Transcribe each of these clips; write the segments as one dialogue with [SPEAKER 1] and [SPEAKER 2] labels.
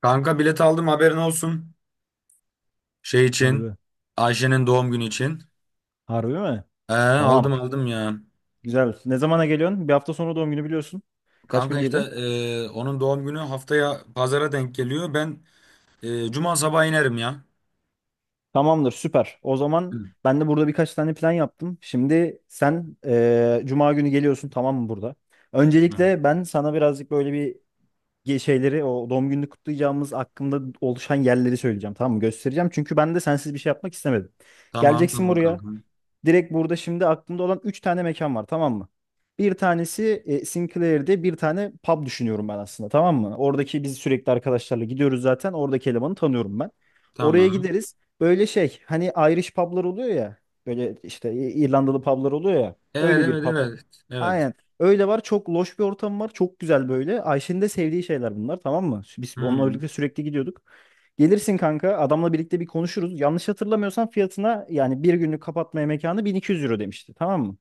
[SPEAKER 1] Kanka bilet aldım, haberin olsun. Şey
[SPEAKER 2] Hadi
[SPEAKER 1] için.
[SPEAKER 2] be.
[SPEAKER 1] Ayşe'nin doğum günü için.
[SPEAKER 2] Harbi mi?
[SPEAKER 1] Aldım
[SPEAKER 2] Tamam.
[SPEAKER 1] aldım ya.
[SPEAKER 2] Güzel. Ne zamana geliyorsun? Bir hafta sonra doğum günü biliyorsun. Kaç
[SPEAKER 1] Kanka
[SPEAKER 2] güne
[SPEAKER 1] işte
[SPEAKER 2] geliyorsun?
[SPEAKER 1] onun doğum günü haftaya pazara denk geliyor. Ben cuma sabahı inerim ya.
[SPEAKER 2] Tamamdır, süper. O zaman
[SPEAKER 1] Hı.
[SPEAKER 2] ben de burada birkaç tane plan yaptım. Şimdi sen Cuma günü geliyorsun tamam mı burada?
[SPEAKER 1] Tamam
[SPEAKER 2] Öncelikle ben sana birazcık böyle bir şeyleri o doğum gününü kutlayacağımız hakkında oluşan yerleri söyleyeceğim tamam mı? Göstereceğim. Çünkü ben de sensiz bir şey yapmak istemedim.
[SPEAKER 1] tamam
[SPEAKER 2] Geleceksin
[SPEAKER 1] tamam
[SPEAKER 2] buraya.
[SPEAKER 1] kanka.
[SPEAKER 2] Direkt burada şimdi aklımda olan 3 tane mekan var tamam mı? Bir tanesi Sinclair'de bir tane pub düşünüyorum ben aslında tamam mı? Oradaki biz sürekli arkadaşlarla gidiyoruz zaten. Oradaki elemanı tanıyorum ben. Oraya
[SPEAKER 1] Tamam.
[SPEAKER 2] gideriz. Böyle şey hani Irish pub'lar oluyor ya. Böyle işte İrlandalı pub'lar oluyor ya.
[SPEAKER 1] Evet
[SPEAKER 2] Öyle bir
[SPEAKER 1] evet
[SPEAKER 2] pub.
[SPEAKER 1] evet. Evet.
[SPEAKER 2] Aynen. Öyle var. Çok loş bir ortam var. Çok güzel böyle. Ayşe'nin de sevdiği şeyler bunlar tamam mı? Biz onunla
[SPEAKER 1] Hmm.
[SPEAKER 2] birlikte sürekli gidiyorduk. Gelirsin kanka, adamla birlikte bir konuşuruz. Yanlış hatırlamıyorsam fiyatına yani bir günlük kapatmaya mekanı 1200 euro demişti tamam mı?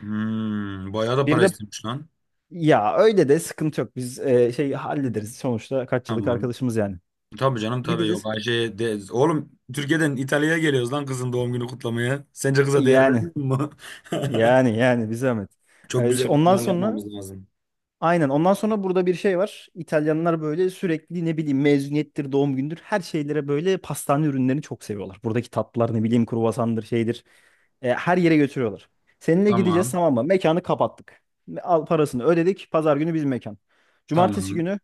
[SPEAKER 1] Hmm. Bayağı da
[SPEAKER 2] Bir
[SPEAKER 1] para
[SPEAKER 2] de
[SPEAKER 1] istemiş lan.
[SPEAKER 2] ya, öyle de sıkıntı yok, biz şey hallederiz sonuçta, kaç yıllık
[SPEAKER 1] Tamam.
[SPEAKER 2] arkadaşımız yani.
[SPEAKER 1] Tabii canım, tabii.
[SPEAKER 2] Gideceğiz.
[SPEAKER 1] Yok, Ayşe'ye de... Oğlum, Türkiye'den İtalya'ya geliyoruz lan, kızın doğum günü kutlamaya. Sence kıza değer
[SPEAKER 2] Yani
[SPEAKER 1] vermiyor mu?
[SPEAKER 2] yani bir zahmet.
[SPEAKER 1] Çok
[SPEAKER 2] İşte
[SPEAKER 1] güzel bir
[SPEAKER 2] ondan
[SPEAKER 1] plan
[SPEAKER 2] sonra.
[SPEAKER 1] yapmamız lazım.
[SPEAKER 2] Aynen. Ondan sonra burada bir şey var. İtalyanlar böyle sürekli ne bileyim mezuniyettir, doğum gündür her şeylere böyle pastane ürünlerini çok seviyorlar. Buradaki tatlılar ne bileyim kruvasandır şeydir. Her yere götürüyorlar. Seninle gideceğiz
[SPEAKER 1] Tamam.
[SPEAKER 2] tamam mı? Mekanı kapattık. Al, parasını ödedik. Pazar günü bizim mekan. Cumartesi
[SPEAKER 1] Tamam.
[SPEAKER 2] günü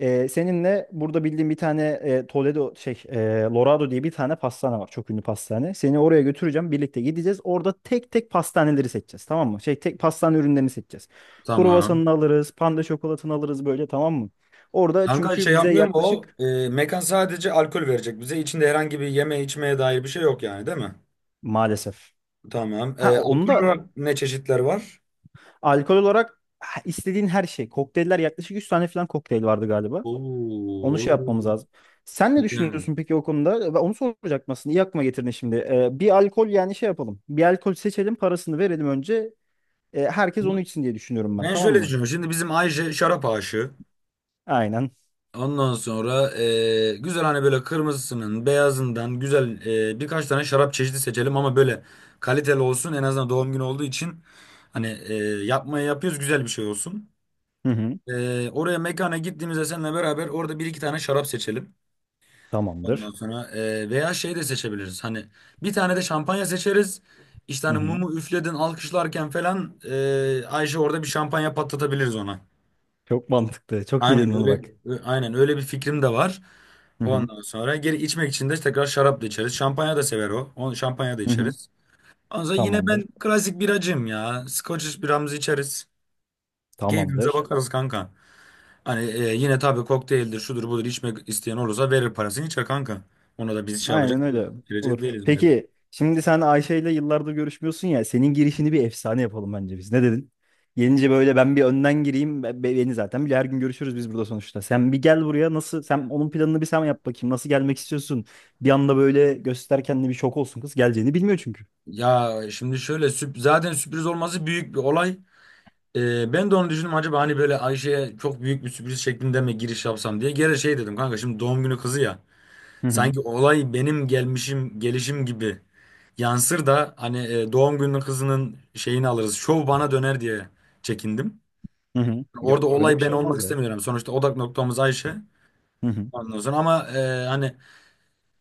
[SPEAKER 2] seninle burada bildiğim bir tane Toledo şey Lorado diye bir tane pastane var. Çok ünlü pastane. Seni oraya götüreceğim. Birlikte gideceğiz. Orada tek tek pastaneleri seçeceğiz. Tamam mı? Şey, tek pastane ürünlerini seçeceğiz.
[SPEAKER 1] Tamam.
[SPEAKER 2] Kruvasanını alırız. Panda şokolatını alırız böyle tamam mı? Orada
[SPEAKER 1] Kanka şey
[SPEAKER 2] çünkü bize
[SPEAKER 1] yapmıyor mu o?
[SPEAKER 2] yaklaşık
[SPEAKER 1] Mekan sadece alkol verecek bize. İçinde herhangi bir yeme içmeye dair bir şey yok yani, değil mi?
[SPEAKER 2] maalesef.
[SPEAKER 1] Tamam.
[SPEAKER 2] Ha
[SPEAKER 1] E,
[SPEAKER 2] onu
[SPEAKER 1] alkol
[SPEAKER 2] da
[SPEAKER 1] olarak ne çeşitler var?
[SPEAKER 2] alkol olarak, ha, istediğin her şey. Kokteyller, yaklaşık 100 tane falan kokteyl vardı galiba.
[SPEAKER 1] Oo.
[SPEAKER 2] Onu şey
[SPEAKER 1] Oo.
[SPEAKER 2] yapmamız lazım. Sen ne
[SPEAKER 1] Güzel.
[SPEAKER 2] düşünüyorsun peki o konuda? Ben onu soracaktım aslında. İyi aklıma getirdin şimdi. Bir alkol yani şey yapalım. Bir alkol seçelim, parasını verelim önce. Herkes onu içsin diye düşünüyorum ben.
[SPEAKER 1] Ben
[SPEAKER 2] Tamam
[SPEAKER 1] şöyle
[SPEAKER 2] mı?
[SPEAKER 1] düşünüyorum. Şimdi bizim Ayşe şarap aşığı.
[SPEAKER 2] Aynen.
[SPEAKER 1] Ondan sonra güzel, hani böyle kırmızısının beyazından güzel, birkaç tane şarap çeşidi seçelim ama böyle kaliteli olsun, en azından doğum günü olduğu için hani yapmaya yapıyoruz, güzel bir şey olsun.
[SPEAKER 2] Hı hı.
[SPEAKER 1] Oraya, mekana gittiğimizde seninle beraber orada bir iki tane şarap seçelim. Ondan
[SPEAKER 2] Tamamdır.
[SPEAKER 1] sonra veya şey de seçebiliriz, hani bir tane de şampanya seçeriz. İşte
[SPEAKER 2] Hı
[SPEAKER 1] hani
[SPEAKER 2] hı.
[SPEAKER 1] mumu üfledin, alkışlarken falan, Ayşe orada bir şampanya patlatabiliriz ona.
[SPEAKER 2] Çok mantıklı. Çok iyi
[SPEAKER 1] Aynen
[SPEAKER 2] dedin onu,
[SPEAKER 1] öyle,
[SPEAKER 2] bak.
[SPEAKER 1] aynen öyle bir fikrim de var.
[SPEAKER 2] Hı hı.
[SPEAKER 1] Ondan sonra geri içmek için de tekrar şarap da içeriz. Şampanya da sever o. Onu şampanya da
[SPEAKER 2] Hı hı.
[SPEAKER 1] içeriz. Ondan sonra yine ben
[SPEAKER 2] Tamamdır.
[SPEAKER 1] klasik biracıyım ya. Scotch biramızı içeriz. Keyfimize
[SPEAKER 2] Tamamdır.
[SPEAKER 1] bakarız kanka. Hani yine tabii kokteyldir, şudur budur, içmek isteyen olursa verir parasını, içer kanka. Ona da biz şey
[SPEAKER 2] Aynen
[SPEAKER 1] yapacak değiliz.
[SPEAKER 2] öyle.
[SPEAKER 1] Girecek
[SPEAKER 2] Olur.
[SPEAKER 1] değiliz millet.
[SPEAKER 2] Peki şimdi sen Ayşe ile yıllardır görüşmüyorsun ya. Senin girişini bir efsane yapalım bence biz. Ne dedin? Gelince böyle ben bir önden gireyim. Beni zaten bile her gün görüşürüz biz burada sonuçta. Sen bir gel buraya, nasıl? Sen onun planını bir sen yap bakayım. Nasıl gelmek istiyorsun? Bir anda böyle göster kendini, bir şok olsun kız. Geleceğini bilmiyor çünkü.
[SPEAKER 1] Ya şimdi şöyle, zaten sürpriz olması büyük bir olay. Ben de onu düşündüm, acaba hani böyle Ayşe'ye çok büyük bir sürpriz şeklinde mi giriş yapsam diye. Gene şey dedim kanka, şimdi doğum günü kızı ya.
[SPEAKER 2] Hı hı.
[SPEAKER 1] Sanki olay benim gelmişim, gelişim gibi yansır da hani doğum günü kızının şeyini alırız, şov bana döner diye çekindim.
[SPEAKER 2] Hı hı.
[SPEAKER 1] Orada
[SPEAKER 2] Yok, öyle bir
[SPEAKER 1] olay ben
[SPEAKER 2] şey olmaz
[SPEAKER 1] olmak
[SPEAKER 2] ya.
[SPEAKER 1] istemiyorum. Sonuçta odak noktamız Ayşe.
[SPEAKER 2] Hı hı.
[SPEAKER 1] Ondan sonra ama hani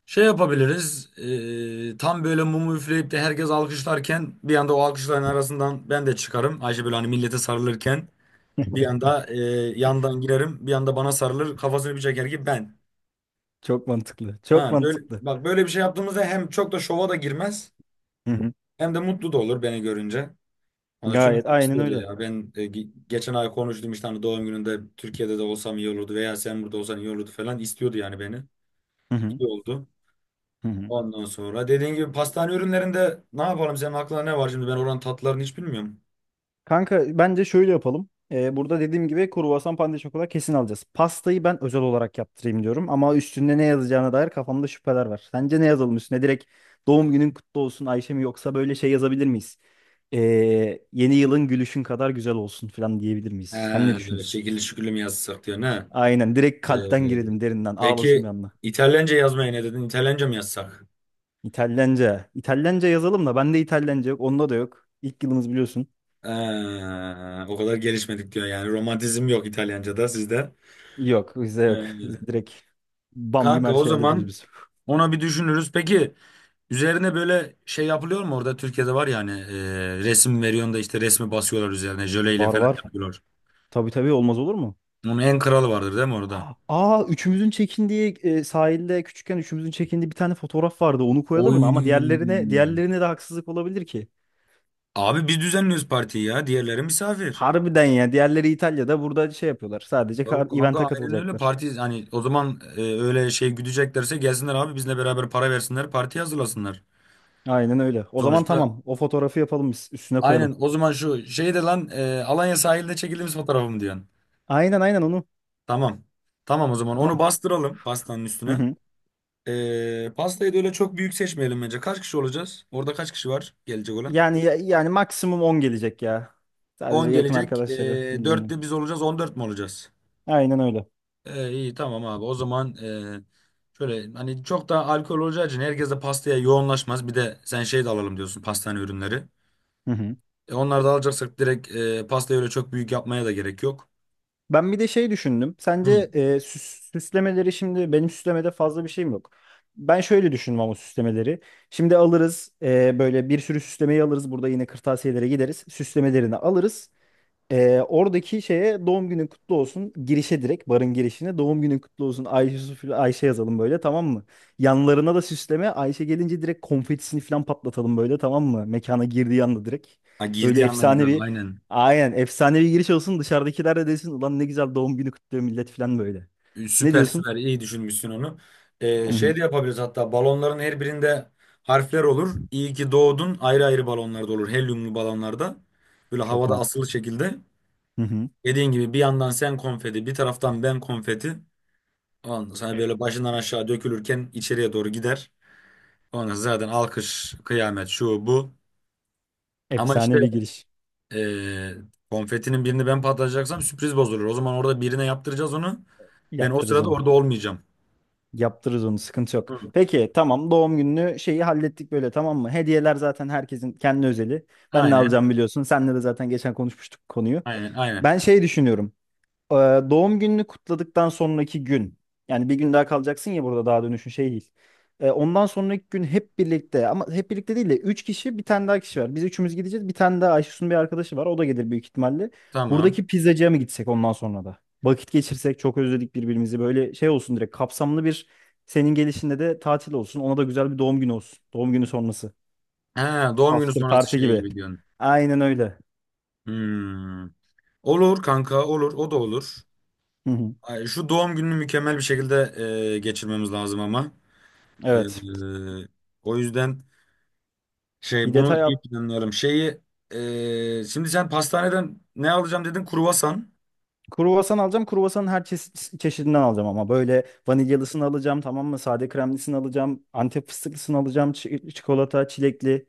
[SPEAKER 1] şey yapabiliriz. Tam böyle mumu üfleyip de herkes alkışlarken bir anda o alkışların arasından ben de çıkarım. Ayşe böyle hani millete sarılırken. Bir anda yandan girerim, bir anda bana sarılır, kafasını bir çeker ki ben.
[SPEAKER 2] Çok mantıklı. Çok
[SPEAKER 1] Ha böyle,
[SPEAKER 2] mantıklı.
[SPEAKER 1] bak, böyle bir şey yaptığımızda hem çok da şova da girmez
[SPEAKER 2] Hı hı.
[SPEAKER 1] hem de mutlu da olur beni görünce. Hani çünkü
[SPEAKER 2] Gayet,
[SPEAKER 1] çok
[SPEAKER 2] aynen
[SPEAKER 1] istiyordu
[SPEAKER 2] öyle.
[SPEAKER 1] ya. Ben geçen ay konuştum işte, hani doğum gününde Türkiye'de de olsam iyi olurdu veya sen burada olsan iyi olurdu falan, istiyordu yani beni.
[SPEAKER 2] Hı hı.
[SPEAKER 1] İyi oldu.
[SPEAKER 2] Hı hı.
[SPEAKER 1] Ondan sonra dediğin gibi pastane ürünlerinde ne yapalım, senin aklına ne var şimdi? Ben oranın tatlılarını hiç bilmiyorum.
[SPEAKER 2] Kanka, bence şöyle yapalım. Burada dediğim gibi kruvasan, pande şokola kesin alacağız. Pastayı ben özel olarak yaptırayım diyorum ama üstünde ne yazacağına dair kafamda şüpheler var. Sence ne yazalım üstüne? Direkt doğum günün kutlu olsun Ayşe mi, yoksa böyle şey yazabilir miyiz? Ee, yeni yılın gülüşün kadar güzel olsun falan diyebilir
[SPEAKER 1] He,
[SPEAKER 2] miyiz? Sen ne
[SPEAKER 1] böyle
[SPEAKER 2] düşünüyorsun?
[SPEAKER 1] şekilli şükürlü mü yazsak diyor ne?
[SPEAKER 2] Aynen, direkt
[SPEAKER 1] Ee,
[SPEAKER 2] kalpten girelim, derinden ağlasın bir
[SPEAKER 1] peki,
[SPEAKER 2] anda.
[SPEAKER 1] İtalyanca yazmaya ne dedin? İtalyanca mı yazsak?
[SPEAKER 2] İtalyanca. İtalyanca yazalım da bende İtalyanca yok, onda da yok. İlk yılımız biliyorsun.
[SPEAKER 1] Ee, O kadar gelişmedik diyor yani. Romantizm yok İtalyanca'da sizde.
[SPEAKER 2] Yok, bizde yok. Bizde
[SPEAKER 1] Ee,
[SPEAKER 2] direkt bam güm
[SPEAKER 1] Kanka
[SPEAKER 2] her
[SPEAKER 1] o
[SPEAKER 2] şeyi hallediyoruz
[SPEAKER 1] zaman
[SPEAKER 2] biz.
[SPEAKER 1] ona bir düşünürüz. Peki üzerine böyle şey yapılıyor mu? Orada, Türkiye'de var yani, resim veriyorsun da işte resmi basıyorlar üzerine jöleyle
[SPEAKER 2] Var,
[SPEAKER 1] falan
[SPEAKER 2] var.
[SPEAKER 1] yapıyorlar.
[SPEAKER 2] Tabii tabii, olmaz olur mu?
[SPEAKER 1] Onun en kralı vardır değil mi orada?
[SPEAKER 2] Aa, üçümüzün çekindiği sahilde küçükken üçümüzün çekindiği bir tane fotoğraf vardı. Onu koyalım
[SPEAKER 1] Oy.
[SPEAKER 2] mı? Ama diğerlerine de haksızlık olabilir ki.
[SPEAKER 1] Abi biz düzenliyoruz partiyi ya. Diğerleri misafir.
[SPEAKER 2] Harbiden ya. Diğerleri İtalya'da, burada şey yapıyorlar. Sadece
[SPEAKER 1] Yok kanka,
[SPEAKER 2] event'e
[SPEAKER 1] aynen öyle.
[SPEAKER 2] katılacaklar.
[SPEAKER 1] Parti hani o zaman, öyle şey güdeceklerse gelsinler abi bizle beraber, para versinler, parti hazırlasınlar.
[SPEAKER 2] Aynen öyle. O zaman
[SPEAKER 1] Sonuçta
[SPEAKER 2] tamam. O fotoğrafı yapalım biz. Üstüne
[SPEAKER 1] aynen.
[SPEAKER 2] koyalım.
[SPEAKER 1] O zaman şu şeyde lan, Alanya sahilde çekildiğimiz fotoğrafım diyorsun.
[SPEAKER 2] Aynen, aynen onu.
[SPEAKER 1] Tamam. Tamam, o zaman onu
[SPEAKER 2] Tamam.
[SPEAKER 1] bastıralım pastanın
[SPEAKER 2] Hı
[SPEAKER 1] üstüne.
[SPEAKER 2] hı.
[SPEAKER 1] E, pastayı da öyle çok büyük seçmeyelim bence. Kaç kişi olacağız? Orada kaç kişi var gelecek olan?
[SPEAKER 2] Yani yani maksimum 10 gelecek ya. Sadece
[SPEAKER 1] On
[SPEAKER 2] yakın
[SPEAKER 1] gelecek. E,
[SPEAKER 2] arkadaşları
[SPEAKER 1] 4
[SPEAKER 2] bildiğin.
[SPEAKER 1] de biz olacağız, 14 mi olacağız?
[SPEAKER 2] Aynen öyle.
[SPEAKER 1] E, iyi, tamam abi. O zaman şöyle, hani çok da alkol olacağı için herkes de pastaya yoğunlaşmaz. Bir de sen şey de alalım diyorsun, pastane ürünleri.
[SPEAKER 2] Hı hı.
[SPEAKER 1] E, onları da alacaksak direkt pastayı öyle çok büyük yapmaya da gerek yok.
[SPEAKER 2] Ben bir de şey düşündüm.
[SPEAKER 1] Hı.
[SPEAKER 2] Sence süslemeleri, şimdi benim süslemede fazla bir şeyim yok. Ben şöyle düşündüm ama süslemeleri. Şimdi alırız böyle bir sürü süslemeyi alırız. Burada yine kırtasiyelere gideriz. Süslemelerini alırız. Oradaki şeye doğum günün kutlu olsun, girişe, direkt barın girişine doğum günün kutlu olsun Ayşe, Sufil Ayşe yazalım böyle tamam mı? Yanlarına da süsleme, Ayşe gelince direkt konfetisini falan patlatalım böyle tamam mı? Mekana girdiği anda direkt.
[SPEAKER 1] Ha,
[SPEAKER 2] Böyle
[SPEAKER 1] girdiği andan
[SPEAKER 2] efsane
[SPEAKER 1] itibaren
[SPEAKER 2] bir
[SPEAKER 1] aynen.
[SPEAKER 2] aynen efsane bir giriş olsun, dışarıdakiler de desin ulan ne güzel doğum günü kutluyor millet falan böyle.
[SPEAKER 1] E,
[SPEAKER 2] Ne
[SPEAKER 1] süper,
[SPEAKER 2] diyorsun?
[SPEAKER 1] süper iyi düşünmüşsün onu. E,
[SPEAKER 2] Hı hı.
[SPEAKER 1] şey de yapabiliriz, hatta balonların her birinde harfler olur. İyi ki doğdun, ayrı ayrı balonlarda olur. Helyumlu balonlarda. Böyle
[SPEAKER 2] Çok
[SPEAKER 1] havada
[SPEAKER 2] mantıklı.
[SPEAKER 1] asılı şekilde.
[SPEAKER 2] Hı hı.
[SPEAKER 1] Dediğin gibi bir yandan sen konfeti, bir taraftan ben konfeti. Ondan sonra hani böyle başından aşağı dökülürken içeriye doğru gider. Ondan sonra zaten alkış, kıyamet, şu bu. Ama işte
[SPEAKER 2] Efsane bir giriş
[SPEAKER 1] eee, konfetinin birini ben patlatacaksam sürpriz bozulur. O zaman orada birine yaptıracağız onu. Ben o
[SPEAKER 2] yaptırırız
[SPEAKER 1] sırada
[SPEAKER 2] onu.
[SPEAKER 1] orada olmayacağım.
[SPEAKER 2] Yaptırırız onu, sıkıntı yok.
[SPEAKER 1] Hı.
[SPEAKER 2] Peki tamam, doğum gününü, şeyi hallettik böyle tamam mı? Hediyeler zaten herkesin kendi özeli. Ben ne
[SPEAKER 1] Aynen,
[SPEAKER 2] alacağım biliyorsun. Senle de zaten geçen konuşmuştuk bu konuyu.
[SPEAKER 1] aynen, aynen.
[SPEAKER 2] Ben şey düşünüyorum. Ee, doğum gününü kutladıktan sonraki gün, yani bir gün daha kalacaksın ya burada, daha dönüşün şey değil. Ondan sonraki gün hep birlikte, ama hep birlikte değil de 3 kişi, bir tane daha kişi var. Biz üçümüz gideceğiz. Bir tane daha Ayşesun bir arkadaşı var. O da gelir büyük ihtimalle.
[SPEAKER 1] Tamam.
[SPEAKER 2] Buradaki pizzacıya mı gitsek ondan sonra da? Vakit geçirsek, çok özledik birbirimizi. Böyle şey olsun, direkt kapsamlı bir, senin gelişinde de tatil olsun. Ona da güzel bir doğum günü olsun. Doğum günü sonrası.
[SPEAKER 1] Ha, doğum günü
[SPEAKER 2] After
[SPEAKER 1] sonrası
[SPEAKER 2] party
[SPEAKER 1] şey
[SPEAKER 2] gibi.
[SPEAKER 1] gibi diyorsun.
[SPEAKER 2] Aynen öyle.
[SPEAKER 1] Hmm. Olur kanka, olur. O da olur.
[SPEAKER 2] Hı hı.
[SPEAKER 1] Ay, şu doğum gününü mükemmel bir şekilde geçirmemiz lazım ama.
[SPEAKER 2] Evet.
[SPEAKER 1] Eee, O yüzden...
[SPEAKER 2] Bir
[SPEAKER 1] Şey, bunu
[SPEAKER 2] detay.
[SPEAKER 1] iyi planlayalım. Şeyi Şimdi sen pastaneden ne alacağım dedin? Kruvasan.
[SPEAKER 2] Kruvasan alacağım. Kruvasanın her çeşidinden alacağım ama böyle vanilyalısını alacağım tamam mı? Sade kremlisini alacağım. Antep fıstıklısını alacağım. Çikolata, çilekli.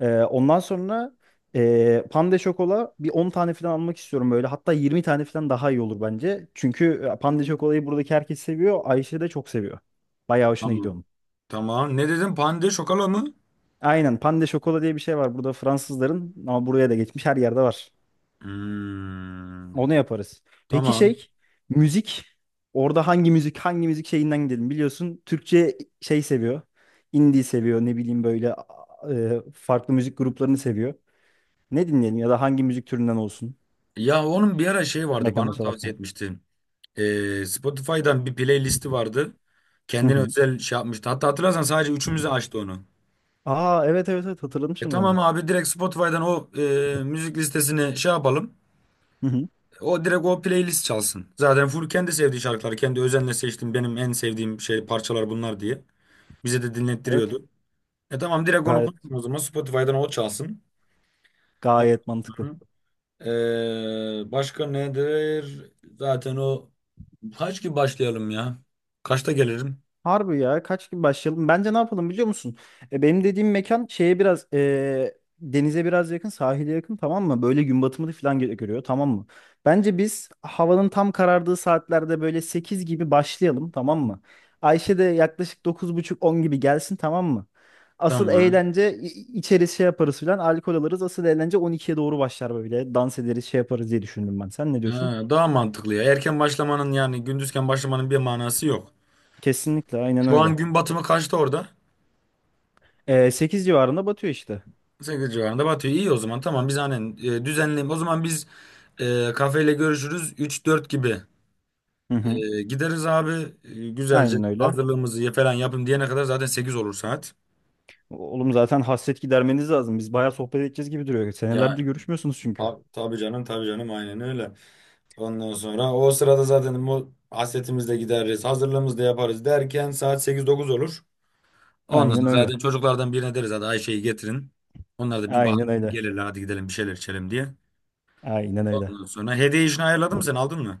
[SPEAKER 2] Ondan sonra pande şokola bir 10 tane falan almak istiyorum böyle. Hatta 20 tane falan daha iyi olur bence. Çünkü pande şokolayı buradaki herkes seviyor. Ayşe de çok seviyor. Bayağı hoşuna gidiyor
[SPEAKER 1] Tamam.
[SPEAKER 2] onun.
[SPEAKER 1] Tamam. Ne dedin? Pande şokala mı?
[SPEAKER 2] Aynen, pande şokola diye bir şey var burada Fransızların, ama buraya da geçmiş, her yerde var.
[SPEAKER 1] Hmm,
[SPEAKER 2] Onu yaparız. Peki
[SPEAKER 1] tamam.
[SPEAKER 2] şey, müzik. Orada hangi müzik, şeyinden gidelim? Biliyorsun Türkçe şey seviyor. Indie seviyor, ne bileyim böyle farklı müzik gruplarını seviyor. Ne dinleyelim ya da hangi müzik türünden olsun
[SPEAKER 1] Ya onun bir ara şey vardı,
[SPEAKER 2] mekanda
[SPEAKER 1] bana tavsiye
[SPEAKER 2] çalarken?
[SPEAKER 1] etmişti. Spotify'dan bir playlisti vardı.
[SPEAKER 2] Hı
[SPEAKER 1] Kendine
[SPEAKER 2] hı.
[SPEAKER 1] özel şey yapmıştı. Hatta hatırlarsan sadece üçümüzü açtı onu.
[SPEAKER 2] Aa, evet, evet, evet, hatırladım
[SPEAKER 1] E
[SPEAKER 2] şimdi
[SPEAKER 1] tamam
[SPEAKER 2] onu.
[SPEAKER 1] abi, direkt Spotify'dan o müzik listesini şey yapalım.
[SPEAKER 2] Hı hı.
[SPEAKER 1] O direkt, o playlist çalsın. Zaten full kendi sevdiği şarkılar. Kendi özenle seçtim, benim en sevdiğim şey parçalar bunlar diye. Bize de
[SPEAKER 2] Evet.
[SPEAKER 1] dinlettiriyordu. E tamam, direkt onu
[SPEAKER 2] Gayet
[SPEAKER 1] koyalım o zaman. Spotify'dan o çalsın. O-
[SPEAKER 2] gayet mantıklı.
[SPEAKER 1] Hı. Başka nedir? Zaten o kaç gibi başlayalım ya? Kaçta gelirim?
[SPEAKER 2] Harbi ya, kaç gibi başlayalım? Bence ne yapalım biliyor musun? Benim dediğim mekan şeye biraz denize biraz yakın, sahile yakın tamam mı? Böyle gün batımını falan görüyor tamam mı? Bence biz havanın tam karardığı saatlerde böyle 8 gibi başlayalım tamam mı? Ayşe de yaklaşık 9.30 10 gibi gelsin tamam mı? Asıl
[SPEAKER 1] Tamam.
[SPEAKER 2] eğlence içeriz, şey yaparız falan, alkol alırız. Asıl eğlence 12'ye doğru başlar böyle. Dans ederiz, şey yaparız diye düşündüm ben. Sen ne diyorsun?
[SPEAKER 1] Ha, daha mantıklı ya. Erken başlamanın, yani gündüzken başlamanın bir manası yok.
[SPEAKER 2] Kesinlikle aynen
[SPEAKER 1] Şu an
[SPEAKER 2] öyle.
[SPEAKER 1] gün batımı kaçta orada?
[SPEAKER 2] 8 civarında batıyor işte.
[SPEAKER 1] 8 civarında batıyor. İyi, o zaman tamam, biz aynen düzenleyelim. O zaman biz kafeyle görüşürüz 3-4 gibi.
[SPEAKER 2] Hı hı.
[SPEAKER 1] E, gideriz abi. E, güzelce
[SPEAKER 2] Aynen öyle.
[SPEAKER 1] hazırlığımızı falan yapın diyene kadar zaten 8 olur saat.
[SPEAKER 2] Oğlum zaten hasret gidermeniz lazım. Biz bayağı sohbet edeceğiz gibi duruyor.
[SPEAKER 1] Ya
[SPEAKER 2] Senelerdir görüşmüyorsunuz çünkü.
[SPEAKER 1] tabii canım, tabii canım, aynen öyle. Ondan sonra o sırada zaten bu hasretimizi de gideriz, hazırlığımızı da yaparız derken saat 8-9 olur. Ondan
[SPEAKER 2] Aynen
[SPEAKER 1] sonra
[SPEAKER 2] öyle.
[SPEAKER 1] zaten çocuklardan birine deriz, hadi Ayşe'yi getirin. Onlar da bir bahane
[SPEAKER 2] Aynen öyle.
[SPEAKER 1] gelirler, hadi gidelim bir şeyler içelim diye.
[SPEAKER 2] Aynen öyle.
[SPEAKER 1] Ondan sonra hediye işini ayarladın mı, sen aldın mı?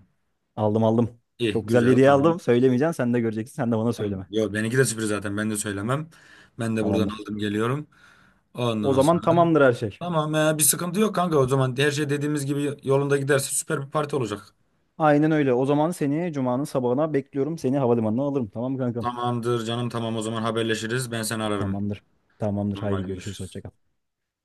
[SPEAKER 2] Aldım, aldım.
[SPEAKER 1] İyi,
[SPEAKER 2] Çok güzel bir
[SPEAKER 1] güzel,
[SPEAKER 2] hediye
[SPEAKER 1] tamam.
[SPEAKER 2] aldım. Söylemeyeceğim. Sen de göreceksin. Sen de bana
[SPEAKER 1] Tamam.
[SPEAKER 2] söyleme.
[SPEAKER 1] Yo, benimki de sürpriz zaten. Ben de söylemem. Ben de buradan
[SPEAKER 2] Tamamdır.
[SPEAKER 1] aldım, geliyorum.
[SPEAKER 2] O
[SPEAKER 1] Ondan
[SPEAKER 2] zaman
[SPEAKER 1] sonra da-
[SPEAKER 2] tamamdır her şey.
[SPEAKER 1] tamam ya, bir sıkıntı yok kanka. O zaman her şey dediğimiz gibi yolunda giderse süper bir parti olacak.
[SPEAKER 2] Aynen öyle. O zaman seni Cuma'nın sabahına bekliyorum. Seni havalimanına alırım. Tamam mı kankam?
[SPEAKER 1] Tamamdır canım, tamam o zaman haberleşiriz. Ben seni ararım.
[SPEAKER 2] Tamamdır. Tamamdır.
[SPEAKER 1] Tamam,
[SPEAKER 2] Haydi
[SPEAKER 1] hadi
[SPEAKER 2] görüşürüz.
[SPEAKER 1] görüşürüz.
[SPEAKER 2] Hoşça kal.